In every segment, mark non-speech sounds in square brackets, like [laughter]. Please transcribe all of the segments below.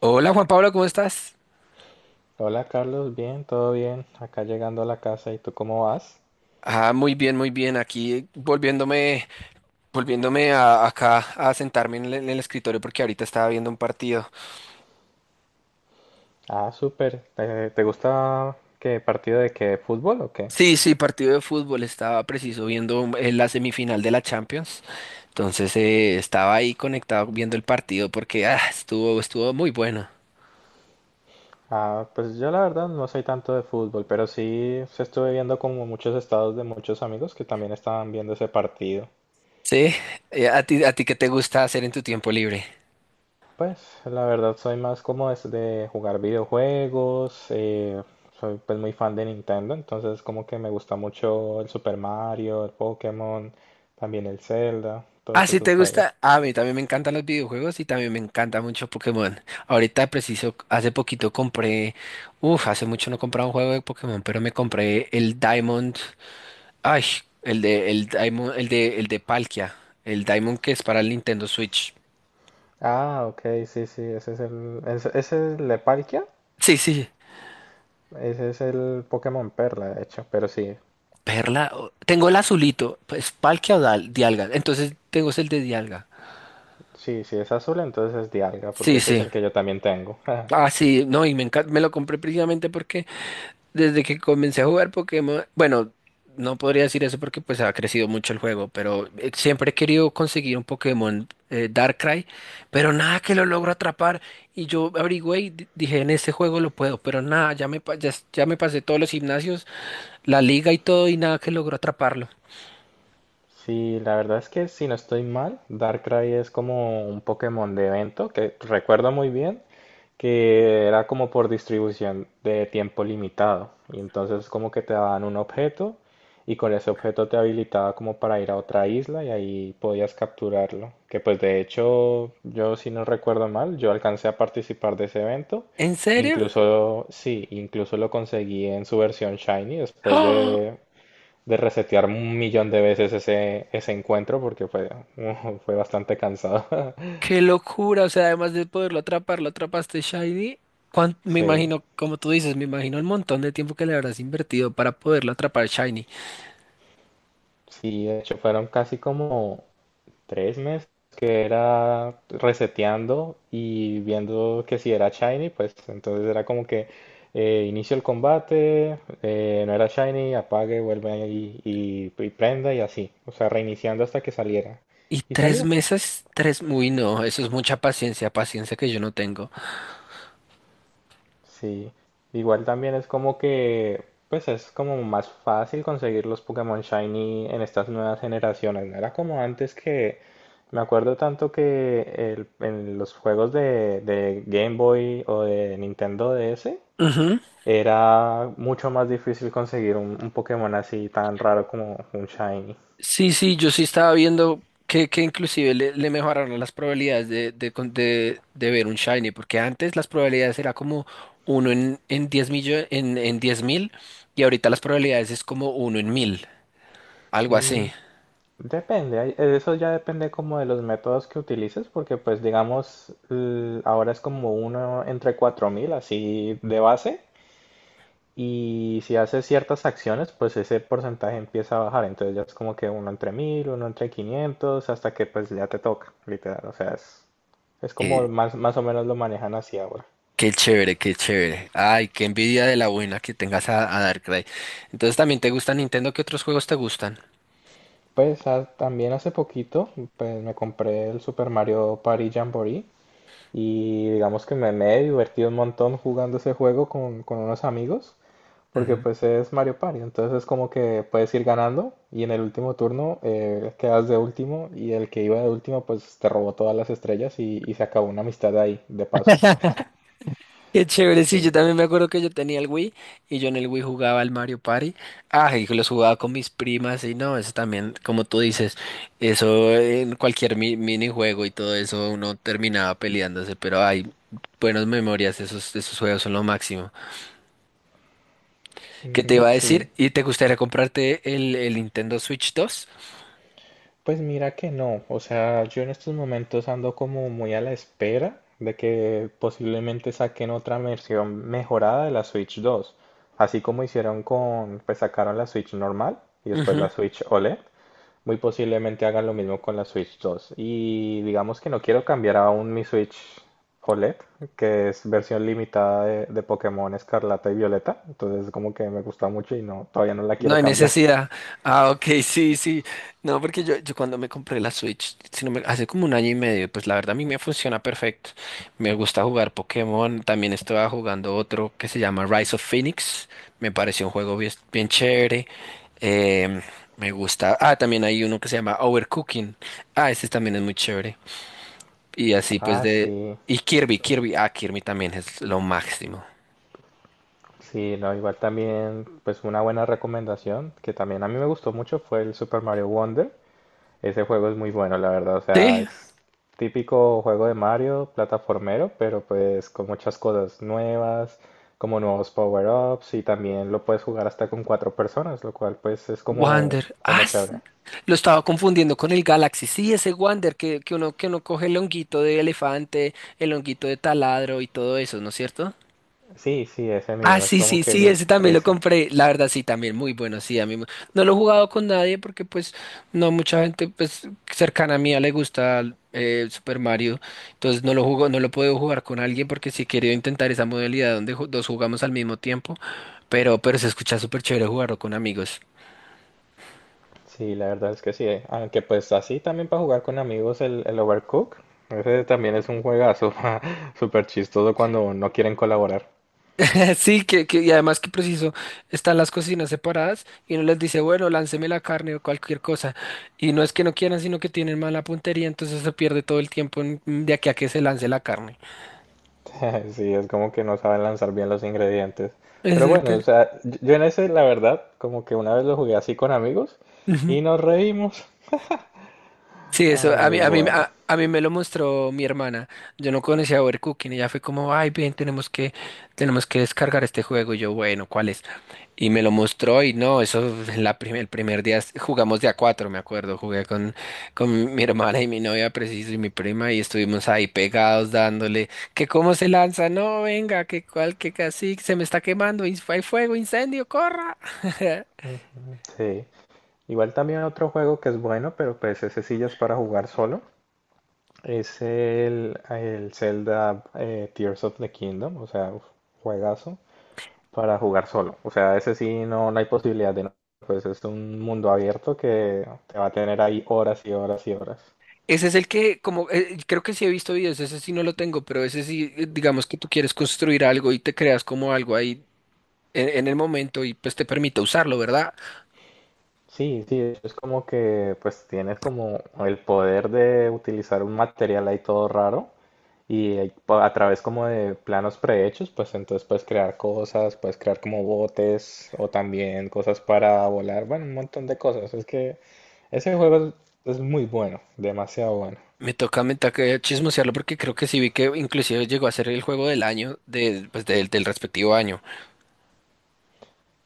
Hola Juan Pablo, ¿cómo estás? Hola Carlos, bien, todo bien. Acá llegando a la casa, ¿y tú cómo vas? Ah, muy bien, muy bien. Aquí volviéndome, volviéndome a, acá a sentarme en el escritorio porque ahorita estaba viendo un partido. Ah, súper. ¿Te, gusta qué partido de qué fútbol o qué? Sí, sí, partido de fútbol. Estaba preciso viendo la semifinal de la Champions. Entonces estaba ahí conectado viendo el partido porque estuvo muy bueno. Ah, pues yo la verdad no soy tanto de fútbol, pero sí se estuve viendo como muchos estados de muchos amigos que también estaban viendo ese partido. Sí, a ti qué te gusta hacer en tu tiempo libre? Pues la verdad soy más como es de jugar videojuegos, soy pues muy fan de Nintendo, entonces como que me gusta mucho el Super Mario, el Pokémon, también el Zelda, Ah, todos ¿si esos te juegos. gusta? Ah, a mí también me encantan los videojuegos y también me encanta mucho Pokémon. Ahorita preciso, hace poquito compré, uff, hace mucho no compraba un juego de Pokémon, pero me compré el Diamond, ay, el de, el Diamond, el de Palkia, el Diamond que es para el Nintendo Switch. Ah, ok, sí, sí, ese es el Leparkia. Sí, sí. Ese es el Pokémon Perla, de hecho. Pero sí, Perla, o- tengo el azulito, pues Palkia o Dal- Dialga, entonces tengo es el de Dialga. sí, sí es azul, entonces es Dialga, porque Sí, ese es sí. el que yo también tengo. [laughs] Ah, sí, no, y me encanta, me lo compré precisamente porque desde que comencé a jugar Pokémon, bueno, no podría decir eso porque pues ha crecido mucho el juego, pero siempre he querido conseguir un Pokémon Darkrai, pero nada que lo logro atrapar. Y yo averigüé y di- dije, en este juego lo puedo, pero nada, ya me, pa- ya, s- ya me pasé todos los gimnasios, la liga y todo, y nada que logro atraparlo. Sí, la verdad es que si no estoy mal, Darkrai es como un Pokémon de evento que recuerdo muy bien que era como por distribución de tiempo limitado. Y entonces como que te daban un objeto y con ese objeto te habilitaba como para ir a otra isla y ahí podías capturarlo. Que pues de hecho yo si no recuerdo mal, yo alcancé a participar de ese evento. ¿En serio? Incluso, sí, incluso lo conseguí en su versión Shiny después ¡Ah! de resetear un millón de veces ese encuentro porque fue, [laughs] fue bastante cansado. [laughs] ¡Qué locura! O sea, además de poderlo atrapar, lo atrapaste Shiny. Cuán- me Sí, imagino, como tú dices, me imagino el montón de tiempo que le habrás invertido para poderlo atrapar Shiny. sí, de hecho fueron casi como 3 meses que era reseteando y viendo que si era shiny, pues entonces era como que inicio el combate, no era shiny, apague, vuelve ahí y prenda y así, o sea, reiniciando hasta que saliera. Y Y tres salió. meses, tres, uy, no, eso es mucha paciencia, paciencia que yo no tengo. Sí, igual también es como que, pues es como más fácil conseguir los Pokémon Shiny en estas nuevas generaciones. No era como antes que, me acuerdo tanto que en los juegos de Game Boy o de Nintendo DS Ujú. era mucho más difícil conseguir un Pokémon así tan raro como un Shiny. Sí, sí, yo sí estaba viendo que inclusive le, le mejoraron las probabilidades de, con- de ver un shiny, porque antes las probabilidades era como uno en 10 millo- en 10 mil, y ahorita las probabilidades es como uno en mil, algo Mm, así. Depende, eso ya depende como de los métodos que utilices, porque pues digamos, ahora es como uno entre 4000 así de base, y si haces ciertas acciones, pues ese porcentaje empieza a bajar, entonces ya es como que uno entre 1000 uno entre 500 hasta que pues ya te toca, literal, o sea, es, como Qué, más o menos lo manejan así ahora. qué chévere, qué chévere. Ay, qué envidia de la buena que tengas a Darkrai. Entonces, ¿también te gusta Nintendo? ¿Qué otros juegos te gustan? Pues también hace poquito, pues me compré el Super Mario Party Jamboree. Y digamos que me he divertido un montón jugando ese juego con unos amigos, porque pues es Mario Party, entonces es como que puedes ir ganando y en el último turno quedas de último y el que iba de último pues te robó todas las estrellas y se acabó una amistad ahí, de paso. Qué chévere, sí, yo Sí. también me acuerdo que yo tenía el Wii y yo en el Wii jugaba al Mario Party. Ah, y los jugaba con mis primas y no, eso también, como tú dices, eso en cualquier mi- minijuego y todo eso uno terminaba peleándose, pero hay buenas memorias, esos, esos juegos son lo máximo. ¿Qué te Ujú, iba a decir? sí. ¿Y te gustaría comprarte el Nintendo Switch 2? Pues mira que no, o sea, yo en estos momentos ando como muy a la espera de que posiblemente saquen otra versión mejorada de la Switch 2, así como hicieron con, pues sacaron la Switch normal y después la Switch OLED, muy posiblemente hagan lo mismo con la Switch 2. Y digamos que no quiero cambiar aún mi Switch OLED, que es versión limitada de Pokémon Escarlata y Violeta, entonces como que me gusta mucho y no, todavía no la No quiero hay cambiar. [laughs] necesidad. Ah, ok, [laughs] sí, sí. No, porque yo cuando me compré la Switch, si no me- hace como un año y medio, pues la verdad a mí me funciona perfecto. Me gusta jugar Pokémon. También estaba jugando otro que se llama Rise of Phoenix. Me pareció un juego bien, bien chévere. Em, Me gusta. Ah, también hay uno que se llama Overcooking. Ah, ese también es muy chévere. Y así pues Ah, de... sí. Y Kirby, Kirby. Ah, Kirby también es lo máximo. Sí, no, igual también, pues una buena recomendación que también a mí me gustó mucho fue el Super Mario Wonder. Ese juego es muy bueno, la verdad. O sea, Sí. es típico juego de Mario, plataformero, pero pues con muchas cosas nuevas, como nuevos power-ups y también lo puedes jugar hasta con cuatro personas, lo cual pues es como, Wander. Ah, como s- chévere. lo estaba confundiendo con el Galaxy. Sí, ese Wander que uno coge el honguito de elefante, el honguito de taladro y todo eso, ¿no es cierto? Sí, sí, ese Ah, mismo, es sí, como sí, sí, que ese también lo ese. compré. La verdad, sí, también muy bueno. Sí, a mí me- no lo he jugado con nadie porque, pues, no mucha gente, pues, cercana a mí le gusta Super Mario. Entonces, no lo jugo, no lo puedo jugar con alguien porque sí he querido intentar esa modalidad donde ju- dos jugamos al mismo tiempo. Pero se escucha súper chévere jugarlo con amigos. Sí, la verdad es que sí. Aunque pues así también para jugar con amigos el Overcooked. Ese también es un juegazo [laughs] súper chistoso cuando no quieren colaborar. [laughs] Sí, que, y además que preciso, están las cocinas separadas y uno les dice, bueno, lánceme la carne o cualquier cosa. Y no es que no quieran, sino que tienen mala puntería, entonces se pierde todo el tiempo en- de aquí a que se lance la carne. [laughs] Sí, es como que no saben lanzar bien los ingredientes. Pero bueno, o Exacto. sea, yo en ese, la verdad, como que una vez lo jugué así con amigos Ujú. y nos reímos. Sí, eso Ay, a muy mí, a mí, bueno. A mí me lo mostró mi hermana. Yo no conocía Overcooking y ella fue como, ay, bien, tenemos que descargar este juego. Y yo, bueno, ¿cuál es? Y me lo mostró y no, eso en la prim- el primer día es- jugamos de a cuatro, me acuerdo, jugué con mi hermana y mi novia preciso y mi prima y estuvimos ahí pegados dándole que cómo se lanza, no, venga, que cual, que casi se me está quemando, y hay fuego, incendio, corra. [laughs] Ujú, sí. Igual también otro juego que es bueno, pero pues ese sí ya es para jugar solo. Es el Zelda Tears of the Kingdom, o sea, uf, juegazo para jugar solo. O sea, ese sí no, no hay posibilidad de no. Pues es un mundo abierto que te va a tener ahí horas y horas y horas. Ese es el que, como, creo que sí he visto videos, ese sí no lo tengo, pero ese sí, digamos que tú quieres construir algo y te creas como algo ahí en el momento y pues te permite usarlo, ¿verdad? Sí, sí, es como que pues tienes como el poder de utilizar un material ahí todo raro y ahí a través como de planos prehechos, pues entonces puedes crear cosas, puedes crear como botes o también cosas para volar, bueno, un montón de cosas. Es que ese juego es, muy bueno, demasiado bueno. Me toca chismosearlo porque creo que sí vi que inclusive llegó a ser el juego del año de, pues, del, del respectivo año.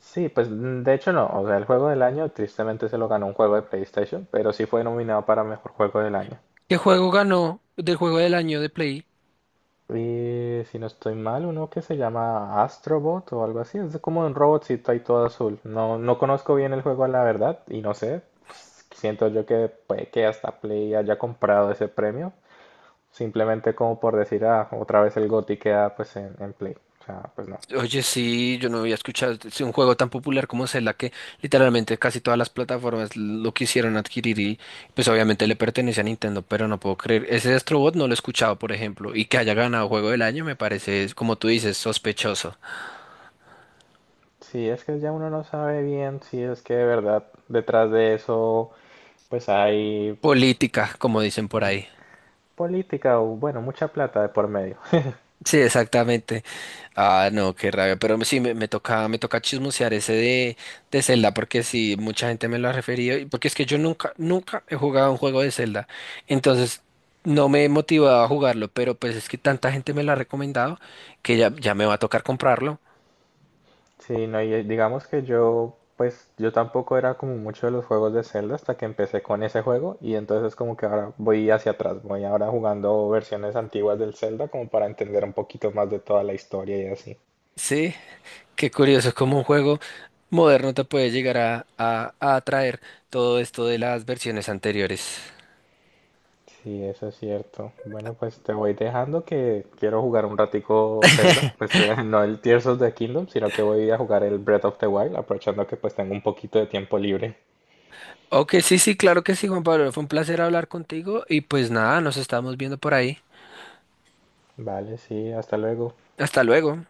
Sí, pues de hecho no, o sea, el juego del año tristemente se lo ganó un juego de PlayStation, pero sí fue nominado para mejor juego del año. ¿Qué juego ganó del juego del año de Play? Y si no estoy mal, uno que se llama Astrobot o algo así. Es como un robotcito ahí todo azul. No, no conozco bien el juego, la verdad, y no sé. Pues, siento yo que puede que hasta Play haya comprado ese premio. Simplemente como por decir, otra vez el GOTY queda pues en Play. O sea, pues no. Oye, sí, yo no había escuchado es un juego tan popular como Zelda que literalmente casi todas las plataformas lo quisieron adquirir y pues obviamente le pertenece a Nintendo, pero no puedo creer. Ese Astro Bot no lo he escuchado, por ejemplo, y que haya ganado juego del año me parece, como tú dices, sospechoso. Sí, es que ya uno no sabe bien si es que de verdad detrás de eso pues hay Política, como dicen por ahí. política o bueno, mucha plata de por medio. Sí, exactamente. Ah, no, qué rabia. Pero sí, me, me toca chismosear ese de Zelda, porque sí, mucha gente me lo ha referido, y porque es que yo nunca, nunca he jugado un juego de Zelda. Entonces, no me he motivado a jugarlo, pero pues es que tanta gente me lo ha recomendado que ya, ya me va a tocar comprarlo. Sí, no, y digamos que yo, pues yo tampoco era como mucho de los juegos de Zelda hasta que empecé con ese juego y entonces como que ahora voy hacia atrás, voy ahora jugando versiones antiguas del Zelda como para entender un poquito más de toda la historia y así. Sí, qué curioso, como un juego moderno te puede llegar a atraer todo esto de las versiones anteriores. Sí, eso es cierto. Bueno, pues te voy dejando que quiero jugar un ratico Zelda, pues [laughs] no el Tears of the Kingdom, sino que voy a jugar el Breath of the Wild, aprovechando que pues tengo un poquito de tiempo libre. Ok, sí, sí, claro que sí, Juan Pablo. Fue un placer hablar contigo y pues nada, nos estamos viendo por ahí. Vale, sí, hasta luego. Hasta luego.